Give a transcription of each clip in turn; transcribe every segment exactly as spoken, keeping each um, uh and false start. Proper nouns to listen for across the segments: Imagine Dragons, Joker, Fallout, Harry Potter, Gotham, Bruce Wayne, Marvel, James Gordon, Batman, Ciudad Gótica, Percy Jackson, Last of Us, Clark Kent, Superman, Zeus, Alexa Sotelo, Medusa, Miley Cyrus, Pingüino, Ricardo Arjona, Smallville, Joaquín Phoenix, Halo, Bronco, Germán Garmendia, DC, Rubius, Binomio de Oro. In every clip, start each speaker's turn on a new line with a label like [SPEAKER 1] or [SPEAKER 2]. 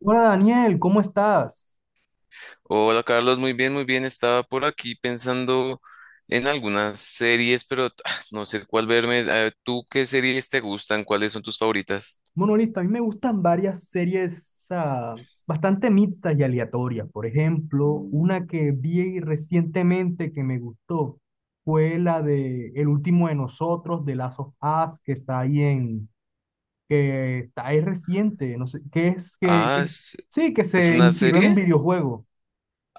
[SPEAKER 1] Hola Daniel, ¿cómo estás?
[SPEAKER 2] Hola Carlos, muy bien, muy bien. Estaba por aquí pensando en algunas series, pero ah, no sé cuál verme. Eh, ¿Tú qué series te gustan? ¿Cuáles son tus favoritas?
[SPEAKER 1] Bueno, listo, a mí me gustan varias series, o bastante mixtas y aleatorias. Por ejemplo, una que vi recientemente que me gustó fue la de El último de nosotros, de Last of Us, que está ahí en, que está ahí reciente, no sé, que es que,
[SPEAKER 2] Ah,
[SPEAKER 1] que-
[SPEAKER 2] ¿es,
[SPEAKER 1] sí, que
[SPEAKER 2] ¿es
[SPEAKER 1] se
[SPEAKER 2] una
[SPEAKER 1] inspiró en un
[SPEAKER 2] serie?
[SPEAKER 1] videojuego.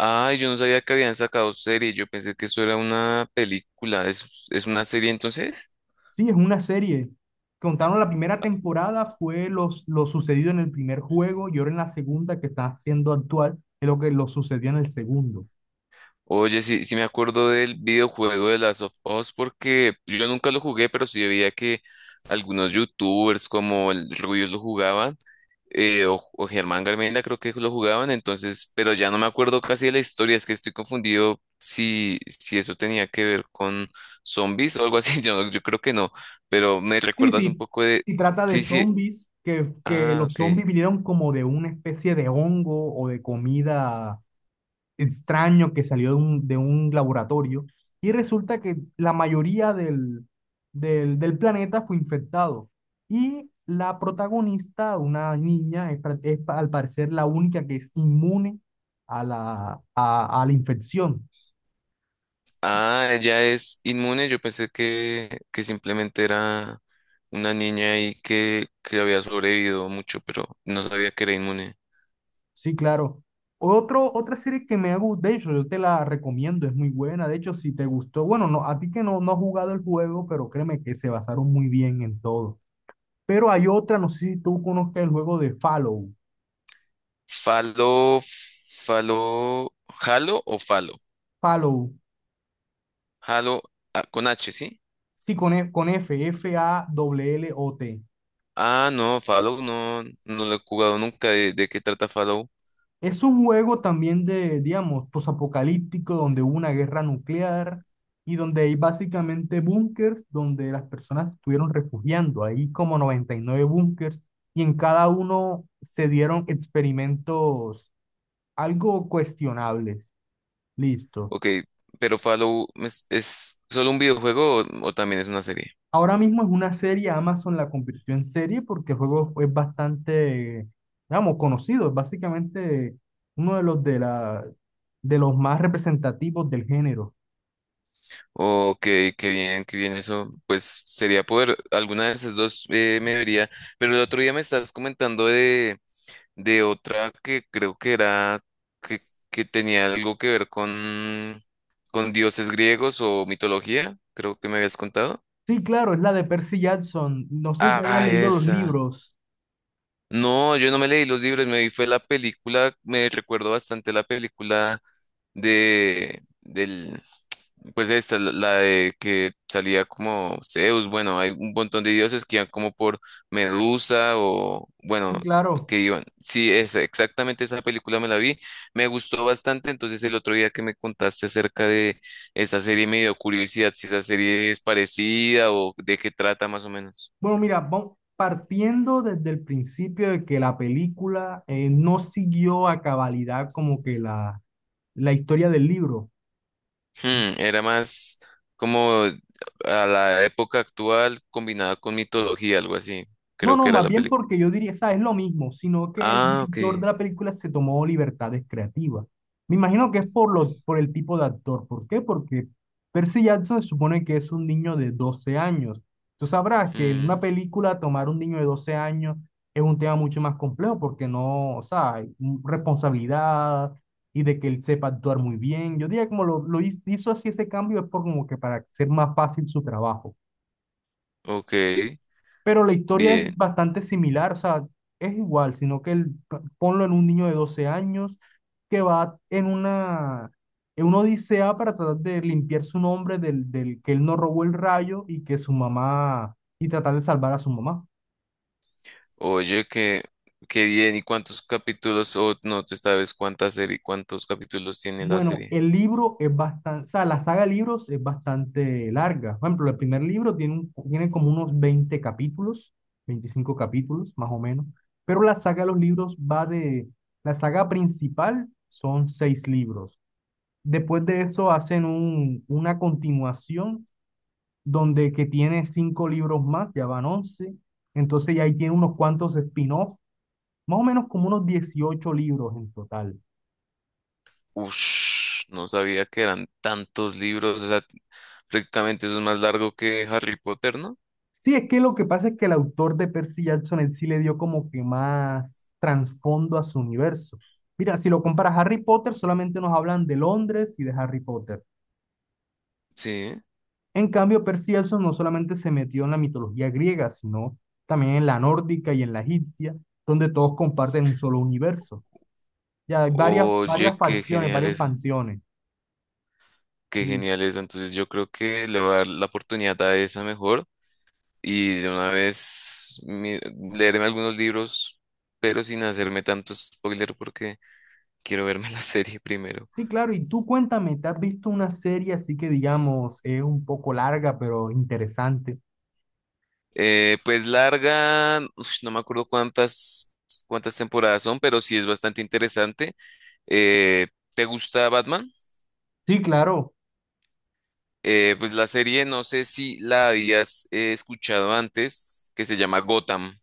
[SPEAKER 2] Ay, yo no sabía que habían sacado serie. Yo pensé que eso era una película. ¿Es, ¿es una serie entonces?
[SPEAKER 1] Sí, es una serie. Contaron la primera temporada, fue los, lo sucedido en el primer juego y ahora en la segunda que está siendo actual, es lo que lo sucedió en el segundo.
[SPEAKER 2] Oye, sí, sí me acuerdo del videojuego de Last of Us porque yo nunca lo jugué, pero sí veía que algunos youtubers como el Rubius lo jugaban, eh, o, o Germán Garmendia creo que lo jugaban, entonces, pero ya no me acuerdo casi de la historia, es que estoy confundido si, si eso tenía que ver con zombies o algo así, yo, yo creo que no, pero me
[SPEAKER 1] Sí,
[SPEAKER 2] recuerdas un
[SPEAKER 1] sí,
[SPEAKER 2] poco de...
[SPEAKER 1] y trata de
[SPEAKER 2] Sí, sí,
[SPEAKER 1] zombies, que, que
[SPEAKER 2] ah,
[SPEAKER 1] los
[SPEAKER 2] ok.
[SPEAKER 1] zombies vinieron como de una especie de hongo o de comida extraño que salió de un, de un laboratorio y resulta que la mayoría del, del, del planeta fue infectado. Y la protagonista, una niña, es, pra- es pa- al parecer la única que es inmune a la, a, a la infección.
[SPEAKER 2] Ah, ella es inmune. Yo pensé que, que simplemente era una niña ahí que, que había sobrevivido mucho, pero no sabía que era inmune.
[SPEAKER 1] Sí, claro. Otro, otra serie que me ha gustado, de hecho, yo te la recomiendo, es muy buena. De hecho, si te gustó, bueno, no, a ti que no, no has jugado el juego, pero créeme que se basaron muy bien en todo. Pero hay otra, no sé si tú conozcas el juego de Fallout.
[SPEAKER 2] Falo, falo, halo o falo.
[SPEAKER 1] Fallout.
[SPEAKER 2] Halo, ah, con H, ¿sí?
[SPEAKER 1] Sí, con, E- con F, F-A-L-L-O-T.
[SPEAKER 2] Ah, no, Fallout no, no lo he jugado nunca. ¿De, ¿de qué trata Fallout?
[SPEAKER 1] Es un juego también de, digamos, posapocalíptico, donde hubo una guerra nuclear y donde hay básicamente búnkers donde las personas estuvieron refugiando. Hay como noventa y nueve búnkers y en cada uno se dieron experimentos algo cuestionables. Listo.
[SPEAKER 2] Ok, pero Fallout es, es solo un videojuego o, o también es una serie?
[SPEAKER 1] Ahora mismo es una serie, Amazon la convirtió en serie porque el juego es bastante, digamos, conocido, es básicamente uno de los de la, de los más representativos del género.
[SPEAKER 2] Oh, ok, qué bien, qué bien eso. Pues sería poder, alguna de esas dos eh, me vería, pero el otro día me estabas comentando de, de otra que creo que era, que, que tenía algo que ver con, con dioses griegos o mitología, creo que me habías contado.
[SPEAKER 1] Sí, claro, es la de Percy Jackson. No sé si te hayas
[SPEAKER 2] Ah,
[SPEAKER 1] leído los
[SPEAKER 2] esa.
[SPEAKER 1] libros.
[SPEAKER 2] No, yo no me leí los libros, me vi fue la película, me recuerdo bastante la película de, del, pues de esta, la la de que salía como Zeus. Bueno, hay un montón de dioses que iban como por Medusa o, bueno,
[SPEAKER 1] Sí, claro.
[SPEAKER 2] que iban. Sí, es exactamente esa película me la vi, me gustó bastante, entonces el otro día que me contaste acerca de esa serie me dio curiosidad si esa serie es parecida o de qué trata más o menos.
[SPEAKER 1] Bueno, mira, vamos partiendo desde el principio de que la película eh, no siguió a cabalidad como que la, la historia del libro.
[SPEAKER 2] Hmm, era más como a la época actual combinada con mitología, algo así,
[SPEAKER 1] No,
[SPEAKER 2] creo
[SPEAKER 1] no,
[SPEAKER 2] que era
[SPEAKER 1] más
[SPEAKER 2] la
[SPEAKER 1] bien
[SPEAKER 2] película.
[SPEAKER 1] porque yo diría, ¿sabes? Es lo mismo, sino que el
[SPEAKER 2] Ah, ok.
[SPEAKER 1] director de la película se tomó libertades creativas. Me imagino que es por, lo, por el tipo de actor. ¿Por qué? Porque Percy Jackson se supone que es un niño de doce años. Tú sabrás que en una
[SPEAKER 2] Mm,
[SPEAKER 1] película tomar un niño de doce años es un tema mucho más complejo porque no, o sea, hay un- responsabilidad y de que él sepa actuar muy bien. Yo diría que como lo, lo hiz- hizo así ese cambio es por como que para ser más fácil su trabajo.
[SPEAKER 2] ok,
[SPEAKER 1] Pero la historia
[SPEAKER 2] bien.
[SPEAKER 1] es bastante similar, o sea, es igual, sino que el, ponlo en un niño de doce años que va en una, en una odisea para tratar de limpiar su nombre del, del que él no robó el rayo y que su mamá, y tratar de salvar a su mamá.
[SPEAKER 2] Oye, qué, qué bien. ¿Y cuántos capítulos? O no, tú sabes cuánta serie, cuántos capítulos tiene la
[SPEAKER 1] Bueno,
[SPEAKER 2] serie.
[SPEAKER 1] el libro es bastante, o sea, la saga de libros es bastante larga. Por ejemplo, el primer libro tiene, un- tiene como unos veinte capítulos, veinticinco capítulos más o menos, pero la saga de los libros va de, la saga principal son seis libros. Después de eso hacen un- una continuación donde que tiene cinco libros más, ya van once. Entonces ya ahí tiene unos cuantos spin-offs, más o menos como unos dieciocho libros en total.
[SPEAKER 2] Ush, no sabía que eran tantos libros. O sea, prácticamente eso es más largo que Harry Potter, ¿no?
[SPEAKER 1] Sí, es que lo que pasa es que el autor de Percy Jackson, él sí le dio como que más trasfondo a su universo. Mira, si lo comparas a Harry Potter, solamente nos hablan de Londres y de Harry Potter.
[SPEAKER 2] Sí.
[SPEAKER 1] En cambio, Percy Jackson no solamente se metió en la mitología griega, sino también en la nórdica y en la egipcia, donde todos comparten un solo universo. Ya hay varias, varias
[SPEAKER 2] Oye, qué
[SPEAKER 1] facciones,
[SPEAKER 2] genial
[SPEAKER 1] varios
[SPEAKER 2] eso.
[SPEAKER 1] panteones.
[SPEAKER 2] Qué
[SPEAKER 1] Li-
[SPEAKER 2] genial eso. Entonces yo creo que le voy a dar la oportunidad a esa mejor. Y de una vez mi- leerme algunos libros, pero sin hacerme tanto spoiler porque... Quiero verme la serie primero.
[SPEAKER 1] Sí, claro, y tú cuéntame, ¿te has visto una serie así que digamos es un poco larga, pero interesante?
[SPEAKER 2] Eh, pues larga, ush, no me acuerdo cuántas, cuántas temporadas son, pero sí es bastante interesante. Eh, ¿te gusta Batman?
[SPEAKER 1] Sí, claro.
[SPEAKER 2] Eh, pues la serie, no sé si la habías eh, escuchado antes, que se llama Gotham.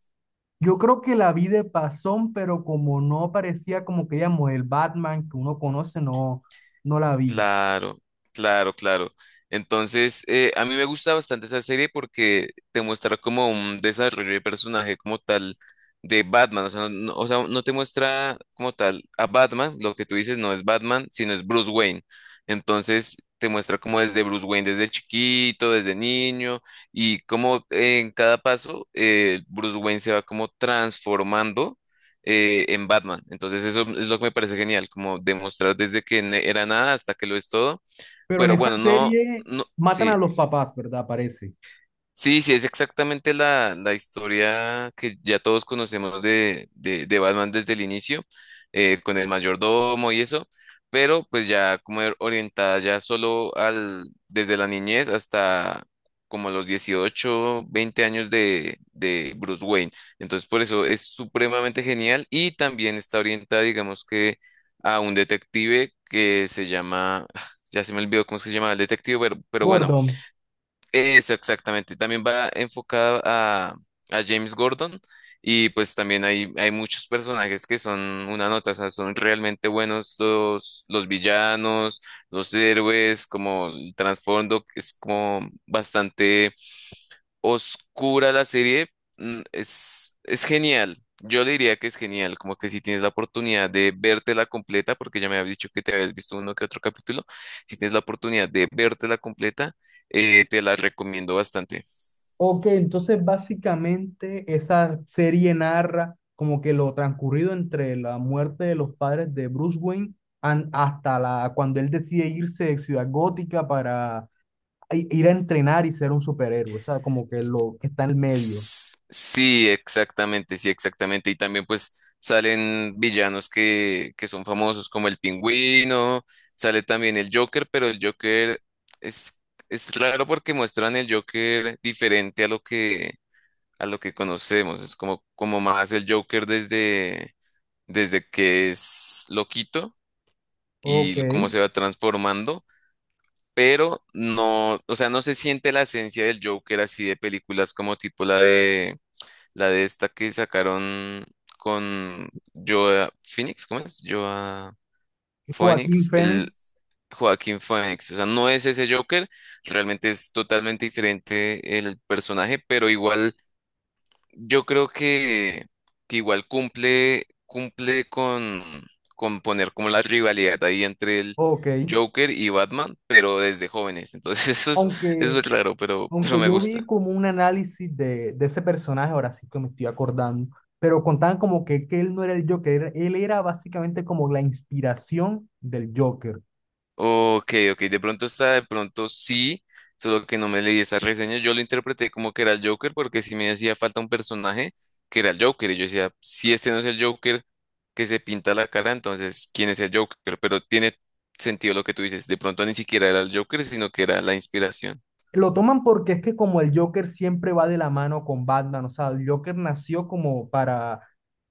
[SPEAKER 1] Yo creo que la vi de pasón, pero como no parecía como que, digamos, el Batman que uno conoce, no, no la vi.
[SPEAKER 2] Claro, claro, claro. Entonces, eh, a mí me gusta bastante esa serie porque te muestra como un desarrollo de personaje como tal de Batman. O sea, no, o sea, no te muestra como tal a Batman, lo que tú dices no es Batman, sino es Bruce Wayne. Entonces, te muestra como desde Bruce Wayne, desde chiquito, desde niño, y como en cada paso eh, Bruce Wayne se va como transformando eh, en Batman. Entonces eso es lo que me parece genial, como demostrar desde que ne- era nada hasta que lo es todo.
[SPEAKER 1] Pero en
[SPEAKER 2] Pero
[SPEAKER 1] Bueno, esa
[SPEAKER 2] bueno, no,
[SPEAKER 1] serie
[SPEAKER 2] no,
[SPEAKER 1] matan
[SPEAKER 2] sí.
[SPEAKER 1] a los papás, ¿verdad? Parece.
[SPEAKER 2] Sí, sí, es exactamente la, la historia que ya todos conocemos de, de, de Batman desde el inicio, eh, con el mayordomo y eso, pero pues ya como er- orientada ya solo al, desde la niñez hasta como los dieciocho, veinte años de, de Bruce Wayne. Entonces por eso es supremamente genial y también está orientada, digamos que, a un detective que se llama, ya se me olvidó cómo es que se llama el detective, pero, pero bueno
[SPEAKER 1] Gordon.
[SPEAKER 2] eso, exactamente. También va enfocada a, a James Gordon y pues también hay, hay muchos personajes que son una nota, o sea, son realmente buenos los, los villanos, los héroes, como el trasfondo es como bastante oscura la serie, mm, es, es genial. Yo le diría que es genial, como que si tienes la oportunidad de vértela completa, porque ya me habías dicho que te habías visto uno que otro capítulo, si tienes la oportunidad de vértela completa, eh, te la recomiendo bastante.
[SPEAKER 1] Ok, entonces básicamente esa serie narra como que lo transcurrido entre la muerte de los padres de Bruce Wayne an- hasta la, cuando él decide irse de Ciudad Gótica para i- ir a entrenar y ser un superhéroe. O sea, como que lo que está en el medio.
[SPEAKER 2] S- Sí, exactamente, sí, exactamente. Y también pues salen villanos que, que son famosos como el Pingüino, sale también el Joker, pero el Joker es, es raro porque muestran el Joker diferente a lo que a lo que conocemos. Es como, como más el Joker desde, desde que es loquito
[SPEAKER 1] Ok.
[SPEAKER 2] y cómo se va transformando, pero no, o sea, no se siente la esencia del Joker así de películas como tipo la de la de esta que sacaron con Joa Phoenix, ¿cómo es? Joa
[SPEAKER 1] Joaquín
[SPEAKER 2] Phoenix, el
[SPEAKER 1] Phoenix.
[SPEAKER 2] Joaquín Phoenix. O sea, no es ese Joker, realmente es totalmente diferente el personaje, pero igual yo creo que, que igual cumple, cumple con, con poner como la rivalidad ahí entre el
[SPEAKER 1] Ok,
[SPEAKER 2] Joker y Batman, pero desde jóvenes. Entonces eso es, eso
[SPEAKER 1] aunque,
[SPEAKER 2] es raro, pero, pero
[SPEAKER 1] aunque
[SPEAKER 2] me
[SPEAKER 1] yo vi
[SPEAKER 2] gusta.
[SPEAKER 1] como un análisis de, de ese personaje, ahora sí que me estoy acordando, pero contaban como que, que él no era el Joker, era- él era básicamente como la inspiración del Joker.
[SPEAKER 2] Ok, ok, de pronto está, de pronto sí, solo que no me leí esas reseñas. Yo lo interpreté como que era el Joker porque sí me hacía falta un personaje que era el Joker. Y yo decía, si este no es el Joker que se pinta la cara, entonces, ¿quién es el Joker? Pero tiene sentido lo que tú dices. De pronto ni siquiera era el Joker, sino que era la inspiración.
[SPEAKER 1] Lo toman porque es que como el Joker siempre va de la mano con Batman, o sea, el Joker nació como para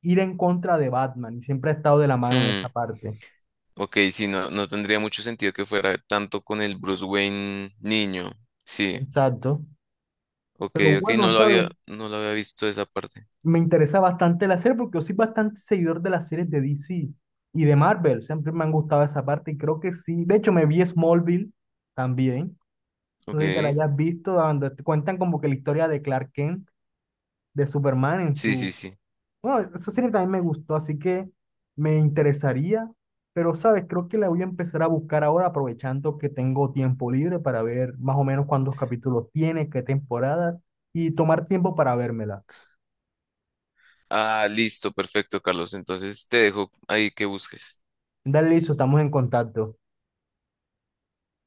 [SPEAKER 1] ir en contra de Batman y siempre ha estado de la mano en
[SPEAKER 2] Hmm,
[SPEAKER 1] esa parte.
[SPEAKER 2] ok, sí, no, no tendría mucho sentido que fuera tanto con el Bruce Wayne niño. Sí.
[SPEAKER 1] Exacto.
[SPEAKER 2] Ok,
[SPEAKER 1] Pero
[SPEAKER 2] ok, no
[SPEAKER 1] bueno,
[SPEAKER 2] lo
[SPEAKER 1] ¿sabes?
[SPEAKER 2] había, no lo había visto esa parte.
[SPEAKER 1] Me interesa bastante la serie porque yo soy bastante seguidor de las series de D C y de Marvel. Siempre me han gustado esa parte y creo que sí. De hecho, me vi Smallville también. No
[SPEAKER 2] Ok,
[SPEAKER 1] sé si te la hayas visto, donde te cuentan como que la historia de Clark Kent, de Superman en
[SPEAKER 2] sí, sí,
[SPEAKER 1] su...
[SPEAKER 2] sí.
[SPEAKER 1] Bueno, esa serie también me gustó, así que me interesaría. Pero, ¿sabes? Creo que la voy a empezar a buscar ahora, aprovechando que tengo tiempo libre para ver más o menos cuántos capítulos tiene, qué temporada y tomar tiempo para vérmela.
[SPEAKER 2] Ah, listo, perfecto, Carlos. Entonces te dejo ahí que busques.
[SPEAKER 1] Dale, listo, estamos en contacto.